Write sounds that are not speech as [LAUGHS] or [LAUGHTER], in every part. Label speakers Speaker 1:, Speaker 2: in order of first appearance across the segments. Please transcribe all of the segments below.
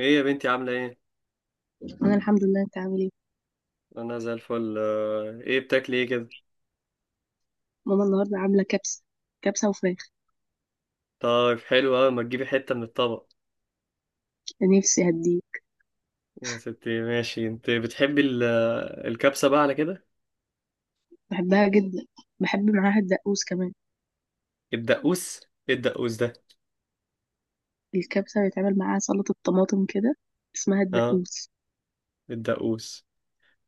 Speaker 1: ايه يا بنتي، عاملة ايه؟
Speaker 2: انا الحمد لله، انت عامل ايه؟
Speaker 1: انا زي الفل، ايه بتاكلي ايه كده؟
Speaker 2: ماما النهارده عامله كبسه. كبسه وفراخ.
Speaker 1: طيب حلو اوي، ما تجيبي حتة من الطبق.
Speaker 2: نفسي هديه.
Speaker 1: يا ستي ماشي، انت بتحبي الكبسة بقى على كده؟
Speaker 2: بحبها جدا. بحب معاها الدقوس كمان.
Speaker 1: الدقوس؟ ايه الدقوس ده؟
Speaker 2: الكبسه بيتعمل معاها سلطه طماطم كده، اسمها
Speaker 1: اه،
Speaker 2: الدقوس.
Speaker 1: الدقوس.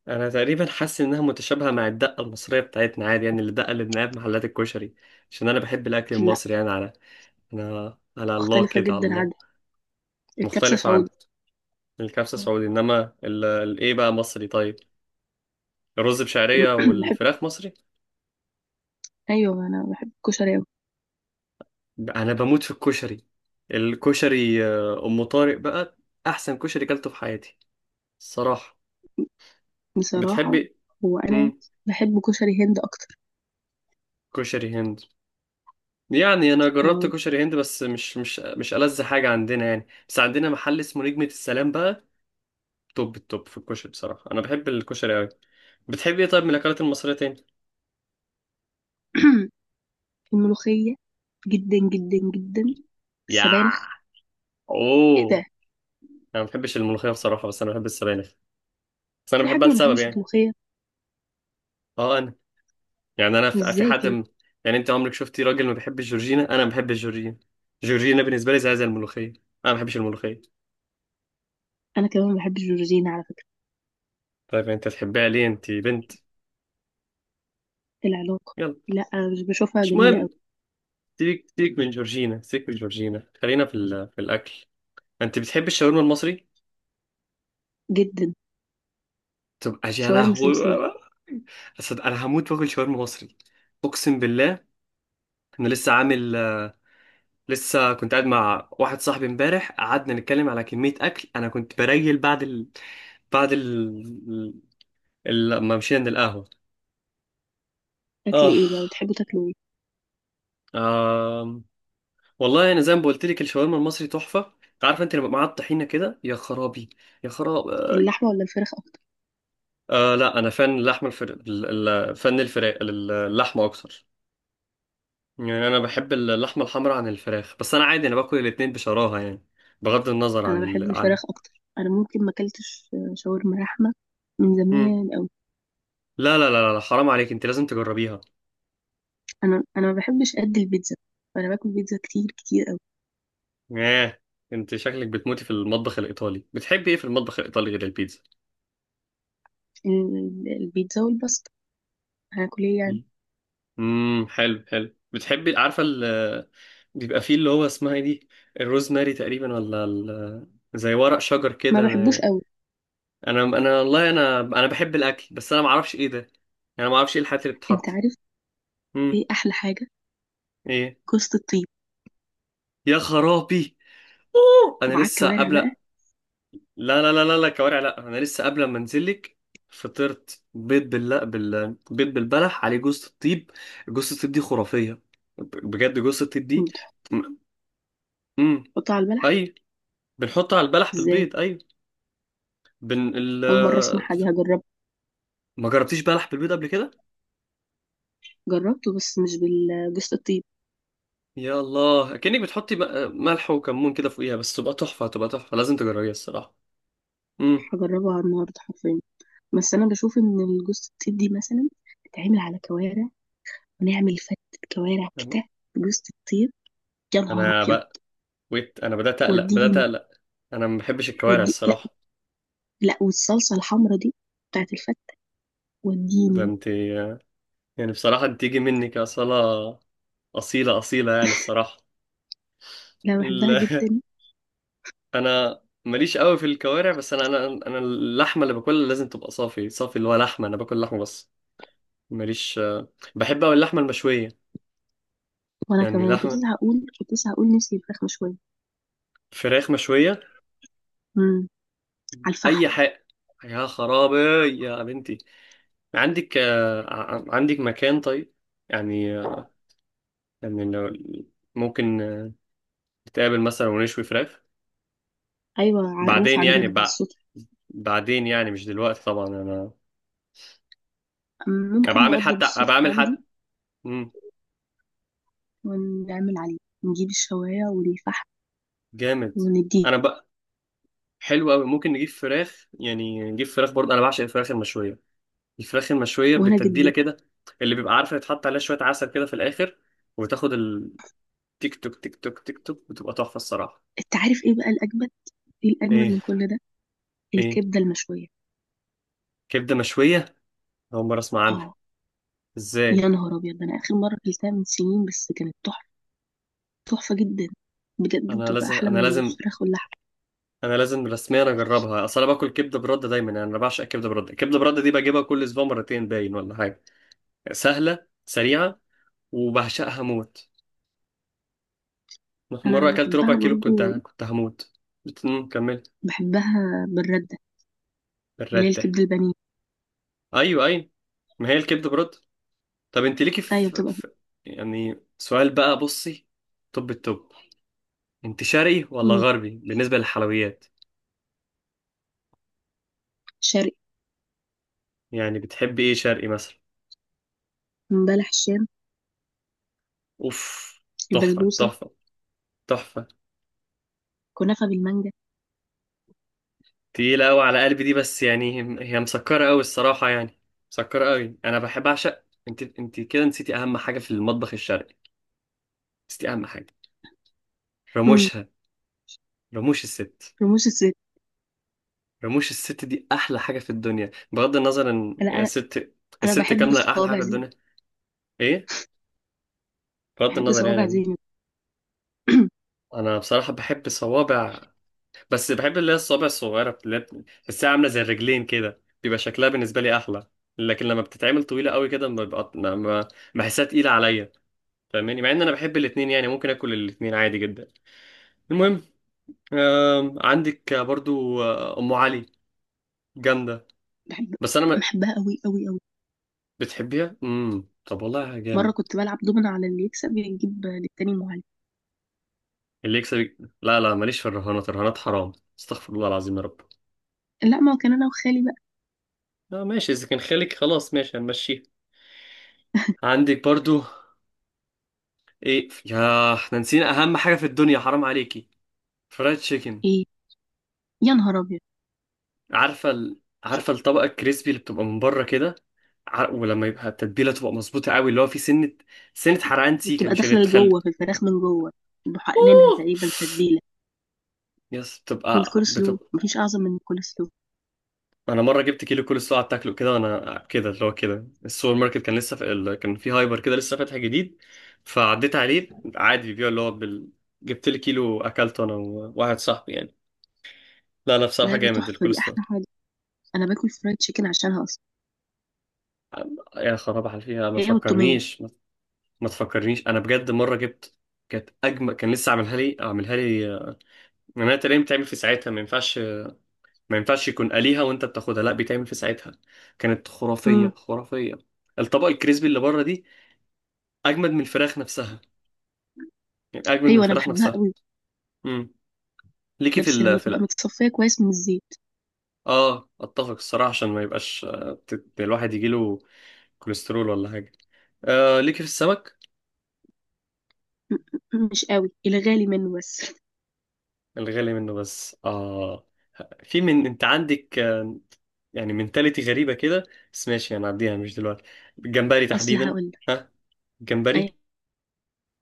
Speaker 1: انا تقريبا حاسس انها متشابهة مع الدقة المصرية بتاعتنا، عادي يعني الدقة اللي بنلاقيها في محلات الكشري. عشان انا بحب الاكل
Speaker 2: لا،
Speaker 1: المصري يعني، على، انا على الله
Speaker 2: مختلفه
Speaker 1: كده، على
Speaker 2: جدا
Speaker 1: الله.
Speaker 2: عنها. الكبسه
Speaker 1: مختلفة عن
Speaker 2: سعودي.
Speaker 1: الكبسة
Speaker 2: آه.
Speaker 1: السعودي، انما الايه بقى مصري؟ طيب، الرز بشعرية
Speaker 2: [CLEARS THROAT] بحب
Speaker 1: والفراخ مصري؟
Speaker 2: ايوه انا بحب الكشري أوي.
Speaker 1: انا بموت في الكشري. الكشري ام طارق بقى احسن كشري كلته في حياتي، الصراحه.
Speaker 2: بصراحه.
Speaker 1: بتحبي
Speaker 2: هو انا
Speaker 1: امم
Speaker 2: بحب كشري هند اكتر.
Speaker 1: كشري هند. يعني انا جربت
Speaker 2: آه.
Speaker 1: كشري هند، بس مش ألذ حاجه عندنا يعني، بس عندنا محل اسمه نجمه السلام بقى، توب التوب في الكشري بصراحه. انا بحب الكشري قوي. بتحبي ايه طيب من الاكلات المصريه تاني؟
Speaker 2: [CLEARS THROAT] الملوخيه، جدا جدا جدا.
Speaker 1: يا.
Speaker 2: السبانخ. ايه
Speaker 1: اوه.
Speaker 2: ده.
Speaker 1: انا ما بحبش الملوخيه بصراحه، بس انا بحب السبانخ. بس انا
Speaker 2: في حد
Speaker 1: بحبها
Speaker 2: ما
Speaker 1: لسبب
Speaker 2: بيحبش
Speaker 1: يعني.
Speaker 2: الملوخيه؟
Speaker 1: اه، انا. يعني انا في
Speaker 2: ازاي
Speaker 1: حد
Speaker 2: كده.
Speaker 1: يعني انت عمرك شفتي راجل ما بيحبش جورجينا؟ انا ما بحبش جورجينا. جورجينا بالنسبه لي زي الملوخيه. انا ما بحبش الملوخيه.
Speaker 2: انا كمان ما بحبش الجورجينا على فكره.
Speaker 1: طيب انت تحبها ليه؟ انت بنت.
Speaker 2: العلاقة.
Speaker 1: يلا.
Speaker 2: لا، أنا مش بشوفها
Speaker 1: مش
Speaker 2: جميلة قوي.
Speaker 1: مهم. سيبك سيبك من جورجينا، سيبك من جورجينا، خلينا في في الاكل. انت بتحب الشاورما المصري؟
Speaker 2: جدا.
Speaker 1: تبقى يا
Speaker 2: شاورما
Speaker 1: لهوي.
Speaker 2: سمسمة.
Speaker 1: أصل انا هموت واكل شاورما مصري، اقسم بالله. انا لسه عامل، لسه كنت قاعد مع واحد صاحبي امبارح، قعدنا نتكلم على كمية اكل. انا كنت بريل بعد بعد ال... لما مشينا القهوة.
Speaker 2: اكل
Speaker 1: آه.
Speaker 2: ايه بقى، بتحبوا تاكلوا ايه؟
Speaker 1: آه. والله أنا زي ما قلت لك الشاورما المصري تحفة. عارفة أنت لما معاها الطحينة كده؟ يا خرابي، يا خرابي.
Speaker 2: اللحمة ولا الفراخ اكتر؟
Speaker 1: آه، لا، أنا فن اللحمة فن الفراخ، اللحمة أكتر. يعني أنا بحب اللحمة الحمراء عن الفراخ، بس أنا عادي، أنا باكل الاتنين بشراهة يعني، بغض النظر عن
Speaker 2: انا بحب
Speaker 1: عن.
Speaker 2: الفراخ اكتر، انا ممكن ما اكلتش شاورما لحمة من
Speaker 1: مم.
Speaker 2: زمان قوي.
Speaker 1: لا لا لا لا، حرام عليك، أنت لازم تجربيها.
Speaker 2: انا ما بحبش قد البيتزا. انا باكل بيتزا كتير كتير قوي.
Speaker 1: آه. أنت شكلك بتموتي في المطبخ الإيطالي. بتحبي إيه في المطبخ الإيطالي غير البيتزا؟
Speaker 2: البيتزا والباستا. هاكل ايه يعني.
Speaker 1: حلو، حلو. بتحبي عارفه بيبقى فيه اللي هو اسمها ايه دي، الروزماري تقريبا، ولا زي ورق شجر
Speaker 2: ما
Speaker 1: كده؟
Speaker 2: بحبوش
Speaker 1: انا
Speaker 2: قوي.
Speaker 1: انا أنا والله انا بحب الاكل، بس انا ما اعرفش ايه ده يعني. انا ما اعرفش ايه الحاجات اللي
Speaker 2: انت
Speaker 1: بتتحط.
Speaker 2: عارف
Speaker 1: امم
Speaker 2: ايه احلى حاجة؟
Speaker 1: ايه.
Speaker 2: كوسة الطيب.
Speaker 1: يا خرابي. أوه! انا
Speaker 2: وعلى
Speaker 1: لسه
Speaker 2: الكوارع
Speaker 1: قبل،
Speaker 2: بقى.
Speaker 1: لا. لا لا لا لا، كوارع لا. انا لسه قبل ما انزلك فطرت بيض بالبلح عليه جوز الطيب. جوز الطيب دي خرافيه، بجد جوز الطيب دي.
Speaker 2: إنك
Speaker 1: امم.
Speaker 2: تحطها على البلح؟
Speaker 1: اي. بنحطه على البلح
Speaker 2: ازاي.
Speaker 1: بالبيض، ايوه. بن ال...
Speaker 2: اول مرة اسمعها، دي هجربها.
Speaker 1: ما جربتيش بلح بالبيض قبل كده؟
Speaker 2: جربته بس مش بالجوز الطيب.
Speaker 1: يا الله، كأنك بتحطي ملح وكمون كده فوقيها، بس تبقى تحفه، تبقى تحفه، لازم تجربيها الصراحه. امم.
Speaker 2: هجربها النهارده حرفيا. بس انا بشوف ان الجوز الطيب دي مثلا تتعمل على كوارع، ونعمل فتة كوارع كده بجوز الطيب. يا نهار
Speaker 1: انا
Speaker 2: ابيض.
Speaker 1: بقى. ويت، انا بدات اقلق، بدات
Speaker 2: وديني.
Speaker 1: اقلق. انا ما بحبش الكوارع
Speaker 2: ودي لا.
Speaker 1: الصراحه.
Speaker 2: لا، والصلصه الحمرا دي بتاعت الفته.
Speaker 1: ده
Speaker 2: وديني.
Speaker 1: انت، يعني بصراحه انت تيجي منك اصاله، اصيله اصيله يعني الصراحه.
Speaker 2: لا، بحبها
Speaker 1: ال... [LAUGHS]
Speaker 2: جدا.
Speaker 1: انا ماليش قوي في الكوارع، بس انا اللحمه اللي باكلها لازم تبقى صافي صافي، اللي هو لحمه، انا باكل لحمه بس. ماليش. بحب أوي اللحمة المشوية.
Speaker 2: وانا
Speaker 1: يعني
Speaker 2: كمان كنت
Speaker 1: لحمة،
Speaker 2: لسه هقول كنت لسه هقول نفسي الفراخ مشويه.
Speaker 1: فراخ مشوية،
Speaker 2: امم. على الفحم.
Speaker 1: أي حاجة. يا خرابي، يا بنتي. عندك مكان طيب؟ يعني يعني لو ممكن نتقابل مثلا ونشوي فراخ.
Speaker 2: ايوه، على الروف
Speaker 1: بعدين يعني
Speaker 2: عندنا، على السطح.
Speaker 1: بعدين يعني مش دلوقتي طبعا. أنا أنا
Speaker 2: ممكن
Speaker 1: بعمل
Speaker 2: نوضب
Speaker 1: حتى،
Speaker 2: السطح عندي
Speaker 1: مم.
Speaker 2: ونعمل عليه، نجيب الشوايه والفحم
Speaker 1: جامد.
Speaker 2: ونديه.
Speaker 1: أنا بقى. حلو أوي ممكن نجيب فراخ برضه. أنا بعشق الفراخ المشوية، الفراخ المشوية
Speaker 2: وانا
Speaker 1: بالتتبيلة
Speaker 2: جدا.
Speaker 1: كده، اللي بيبقى عارفة يتحط عليها شوية عسل كده في الآخر، وتاخد التيك، توك تيك توك تيك توك، وتبقى تحفة الصراحة.
Speaker 2: انت عارف ايه بقى الاجمل، ايه الاجمد
Speaker 1: إيه.
Speaker 2: من كل ده؟
Speaker 1: إيه.
Speaker 2: الكبده المشويه.
Speaker 1: كبدة مشوية؟ أول مرة أسمع عنها.
Speaker 2: اه.
Speaker 1: إزاي؟
Speaker 2: يا نهار ابيض، ده انا اخر مره اكلتها من سنين بس كانت تحفه، تحفه جدا. بجد
Speaker 1: أنا
Speaker 2: بتبقى
Speaker 1: لازم
Speaker 2: احلى
Speaker 1: أنا
Speaker 2: من
Speaker 1: لازم
Speaker 2: الفراخ واللحم.
Speaker 1: أنا لازم رسميا أجربها، أصل أنا باكل كبدة برده دايما، يعني أنا بعشق الكبدة برده. الكبدة برده دي بجيبها كل أسبوع مرتين باين ولا حاجة، سهلة سريعة، وبعشقها موت.
Speaker 2: انا
Speaker 1: مرة أكلت ربع
Speaker 2: بحبها
Speaker 1: كيلو، كنت
Speaker 2: برضو.
Speaker 1: كنت هموت. كمل.
Speaker 2: بحبها بالرده، اللي هي
Speaker 1: الرد ده.
Speaker 2: الكبده البانيه.
Speaker 1: أيوه أيوه، ما هي الكبدة برده. طب انت ليكي
Speaker 2: ايوه
Speaker 1: في,
Speaker 2: بتبقى.
Speaker 1: في يعني سؤال بقى، بصي. طب التوب، انت شرقي ولا
Speaker 2: مم.
Speaker 1: غربي بالنسبة للحلويات؟
Speaker 2: شرقي.
Speaker 1: يعني بتحبي ايه شرقي مثلا؟
Speaker 2: بلح الشام.
Speaker 1: اوف، تحفة
Speaker 2: البسبوسه.
Speaker 1: تحفة تحفة.
Speaker 2: كنافه بالمانجا.
Speaker 1: تقيلة قوي على قلبي دي، بس يعني هي مسكرة قوي الصراحة يعني، مسكرة قوي. انا بحب، اعشق. انت كده نسيتي اهم حاجة في المطبخ الشرقي، نسيتي اهم حاجة.
Speaker 2: مم.
Speaker 1: رموشها، رموش الست.
Speaker 2: رموش الست.
Speaker 1: رموش الست دي احلى حاجة في الدنيا، بغض النظر ان
Speaker 2: انا
Speaker 1: يا
Speaker 2: انا
Speaker 1: ست،
Speaker 2: انا
Speaker 1: الست
Speaker 2: بحب
Speaker 1: كاملة احلى حاجة
Speaker 2: صوابع
Speaker 1: في
Speaker 2: زينب.
Speaker 1: الدنيا. ايه؟ بغض
Speaker 2: بحب
Speaker 1: النظر
Speaker 2: صوابع
Speaker 1: يعني.
Speaker 2: زينب.
Speaker 1: انا بصراحه بحب الصوابع، بس بحب اللي هي الصوابع الصغيره، اللي هي بتحسها عامله زي الرجلين كده، بيبقى شكلها بالنسبه لي احلى. لكن لما بتتعمل طويله قوي كده ما ببقى بحسها تقيله عليا. فاهماني؟ مع ان انا بحب الاتنين، يعني ممكن اكل الاتنين عادي جدا. المهم، عندك برضو ام علي، جامده.
Speaker 2: بحب.
Speaker 1: بس انا ما.
Speaker 2: بحبها قوي قوي قوي.
Speaker 1: بتحبيها؟ طب والله
Speaker 2: مره
Speaker 1: جامد.
Speaker 2: كنت بلعب دومنا على اللي يكسب يجيب للتاني معلم.
Speaker 1: اللي يكسب، لا لا، ماليش في الرهانات، الرهانات حرام، استغفر الله العظيم يا رب.
Speaker 2: لا، ما كان، انا وخالي بقى.
Speaker 1: آه ماشي، اذا كان خالك خلاص ماشي، هنمشيها. عندك برضو ايه، ياه، احنا نسينا اهم حاجه في الدنيا، حرام عليكي. فرايد تشيكن.
Speaker 2: ايه. يا نهار ابيض.
Speaker 1: عارفه
Speaker 2: ش-
Speaker 1: عارفه الطبقه الكريسبي اللي بتبقى من بره كده، ولما يبقى التتبيله تبقى مظبوطه قوي، اللي هو في سنه سنه حرقان سيكه،
Speaker 2: بتبقى
Speaker 1: مش اللي
Speaker 2: داخله
Speaker 1: تخلي.
Speaker 2: لجوه في الفراخ من جوه، محقنينها
Speaker 1: اوه،
Speaker 2: تقريبا تتبيله.
Speaker 1: يس، بتبقى
Speaker 2: والكول سلو،
Speaker 1: بتبقى
Speaker 2: مفيش اعظم من الكول سلو.
Speaker 1: انا مره جبت كيلو كولسلو قعدت اكله كده، وانا كده اللي هو كده، السوبر ماركت كان لسه في كان في هايبر كده لسه فاتح جديد، فعديت عليه عادي بيبيع اللي هو جبت لي كيلو، اكلته انا وواحد صاحبي يعني. لا لا، بصراحه
Speaker 2: لا، دي
Speaker 1: جامد
Speaker 2: تحفه، دي
Speaker 1: الكولسلو.
Speaker 2: احلى حاجه. انا باكل فرايد تشيكن عشانها اصلا.
Speaker 1: يا خراب على فيها، ما
Speaker 2: هي والتوميه.
Speaker 1: تفكرنيش، ما تفكرنيش. انا بجد مره جبت، كانت اجمل، كان لسه عاملها لي. انا تقريبا بتعمل في ساعتها، ما ينفعش، ما ينفعش يكون قليها وانت بتاخدها، لا بيتعمل في ساعتها، كانت خرافيه
Speaker 2: امم.
Speaker 1: خرافيه. الطبق الكريسبي اللي بره دي اجمد من الفراخ نفسها، يعني اجمد من
Speaker 2: ايوه انا
Speaker 1: الفراخ
Speaker 2: بحبها
Speaker 1: نفسها.
Speaker 2: قوي.
Speaker 1: امم. ليكي
Speaker 2: لا
Speaker 1: في
Speaker 2: بس لما
Speaker 1: ال في
Speaker 2: تبقى
Speaker 1: ال
Speaker 2: متصفيه كويس من الزيت.
Speaker 1: اه، اتفق الصراحه، عشان ما يبقاش الواحد يجيله كوليسترول ولا حاجه. آه، ليكي في السمك؟
Speaker 2: م- مش قوي الغالي منه بس. [LAUGHS]
Speaker 1: الغالي منه بس، اه. في، من انت عندك يعني منتاليتي غريبة كده، بس ماشي هنعديها مش دلوقتي. الجمبري
Speaker 2: اصل
Speaker 1: تحديدا.
Speaker 2: هقول لك.
Speaker 1: ها.
Speaker 2: اي.
Speaker 1: جمبري.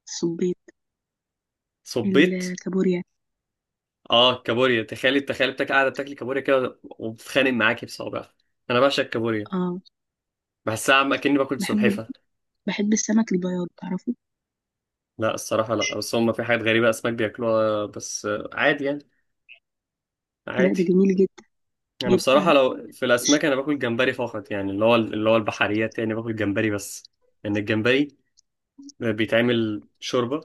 Speaker 2: الصبيط.
Speaker 1: صبيت.
Speaker 2: الكابوريا.
Speaker 1: اه، كابوريا، تخيلي تخيلي بتاك قاعدة بتاكلي كابوريا كده وبتتخانق معاكي بصوابع. انا بعشق الكابوريا،
Speaker 2: اه.
Speaker 1: بحسها عم اكني باكل
Speaker 2: بحب ال-
Speaker 1: سلحفة.
Speaker 2: بحب السمك البياض، تعرفه؟
Speaker 1: لا الصراحة، لا، بس هم في حاجات غريبة اسماك بياكلوها، بس عادي يعني،
Speaker 2: لا، ده
Speaker 1: عادي.
Speaker 2: جميل جدا.
Speaker 1: انا
Speaker 2: بيبقى.
Speaker 1: بصراحة لو في الاسماك انا باكل جمبري فقط، يعني اللي هو البحريات، يعني باكل جمبري بس، لان يعني الجمبري بيتعمل شوربة،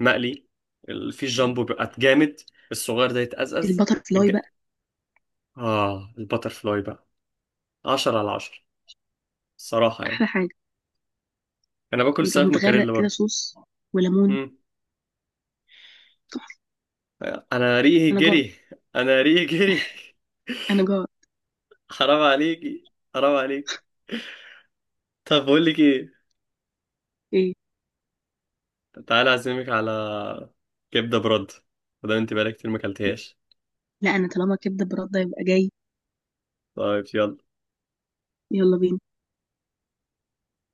Speaker 1: مقلي، في الجامبو بيبقى جامد، الصغير ده يتأزأز.
Speaker 2: البتر
Speaker 1: الج...
Speaker 2: فلاي بقى.
Speaker 1: اه، البتر فلاي بقى 10/10 الصراحة يعني.
Speaker 2: احلى حاجه.
Speaker 1: انا باكل
Speaker 2: بيبقى
Speaker 1: السمك
Speaker 2: متغرق
Speaker 1: مكاريلا
Speaker 2: كده
Speaker 1: برضه.
Speaker 2: صوص وليمون،
Speaker 1: مم.
Speaker 2: تحفة.
Speaker 1: انا ريقي
Speaker 2: انا جوعت.
Speaker 1: جري. انا ريقي جري.
Speaker 2: انا جوعت.
Speaker 1: [LAUGHS] حرام عليكي، حرام عليكي. طب بقول لك ايه،
Speaker 2: ايه.
Speaker 1: تعالى اعزمك على كبدة برد، وده انت بقالك كتير ما اكلتهاش.
Speaker 2: لا، انا طالما كبده برده يبقى جاي.
Speaker 1: طيب يلا.
Speaker 2: يلا بينا.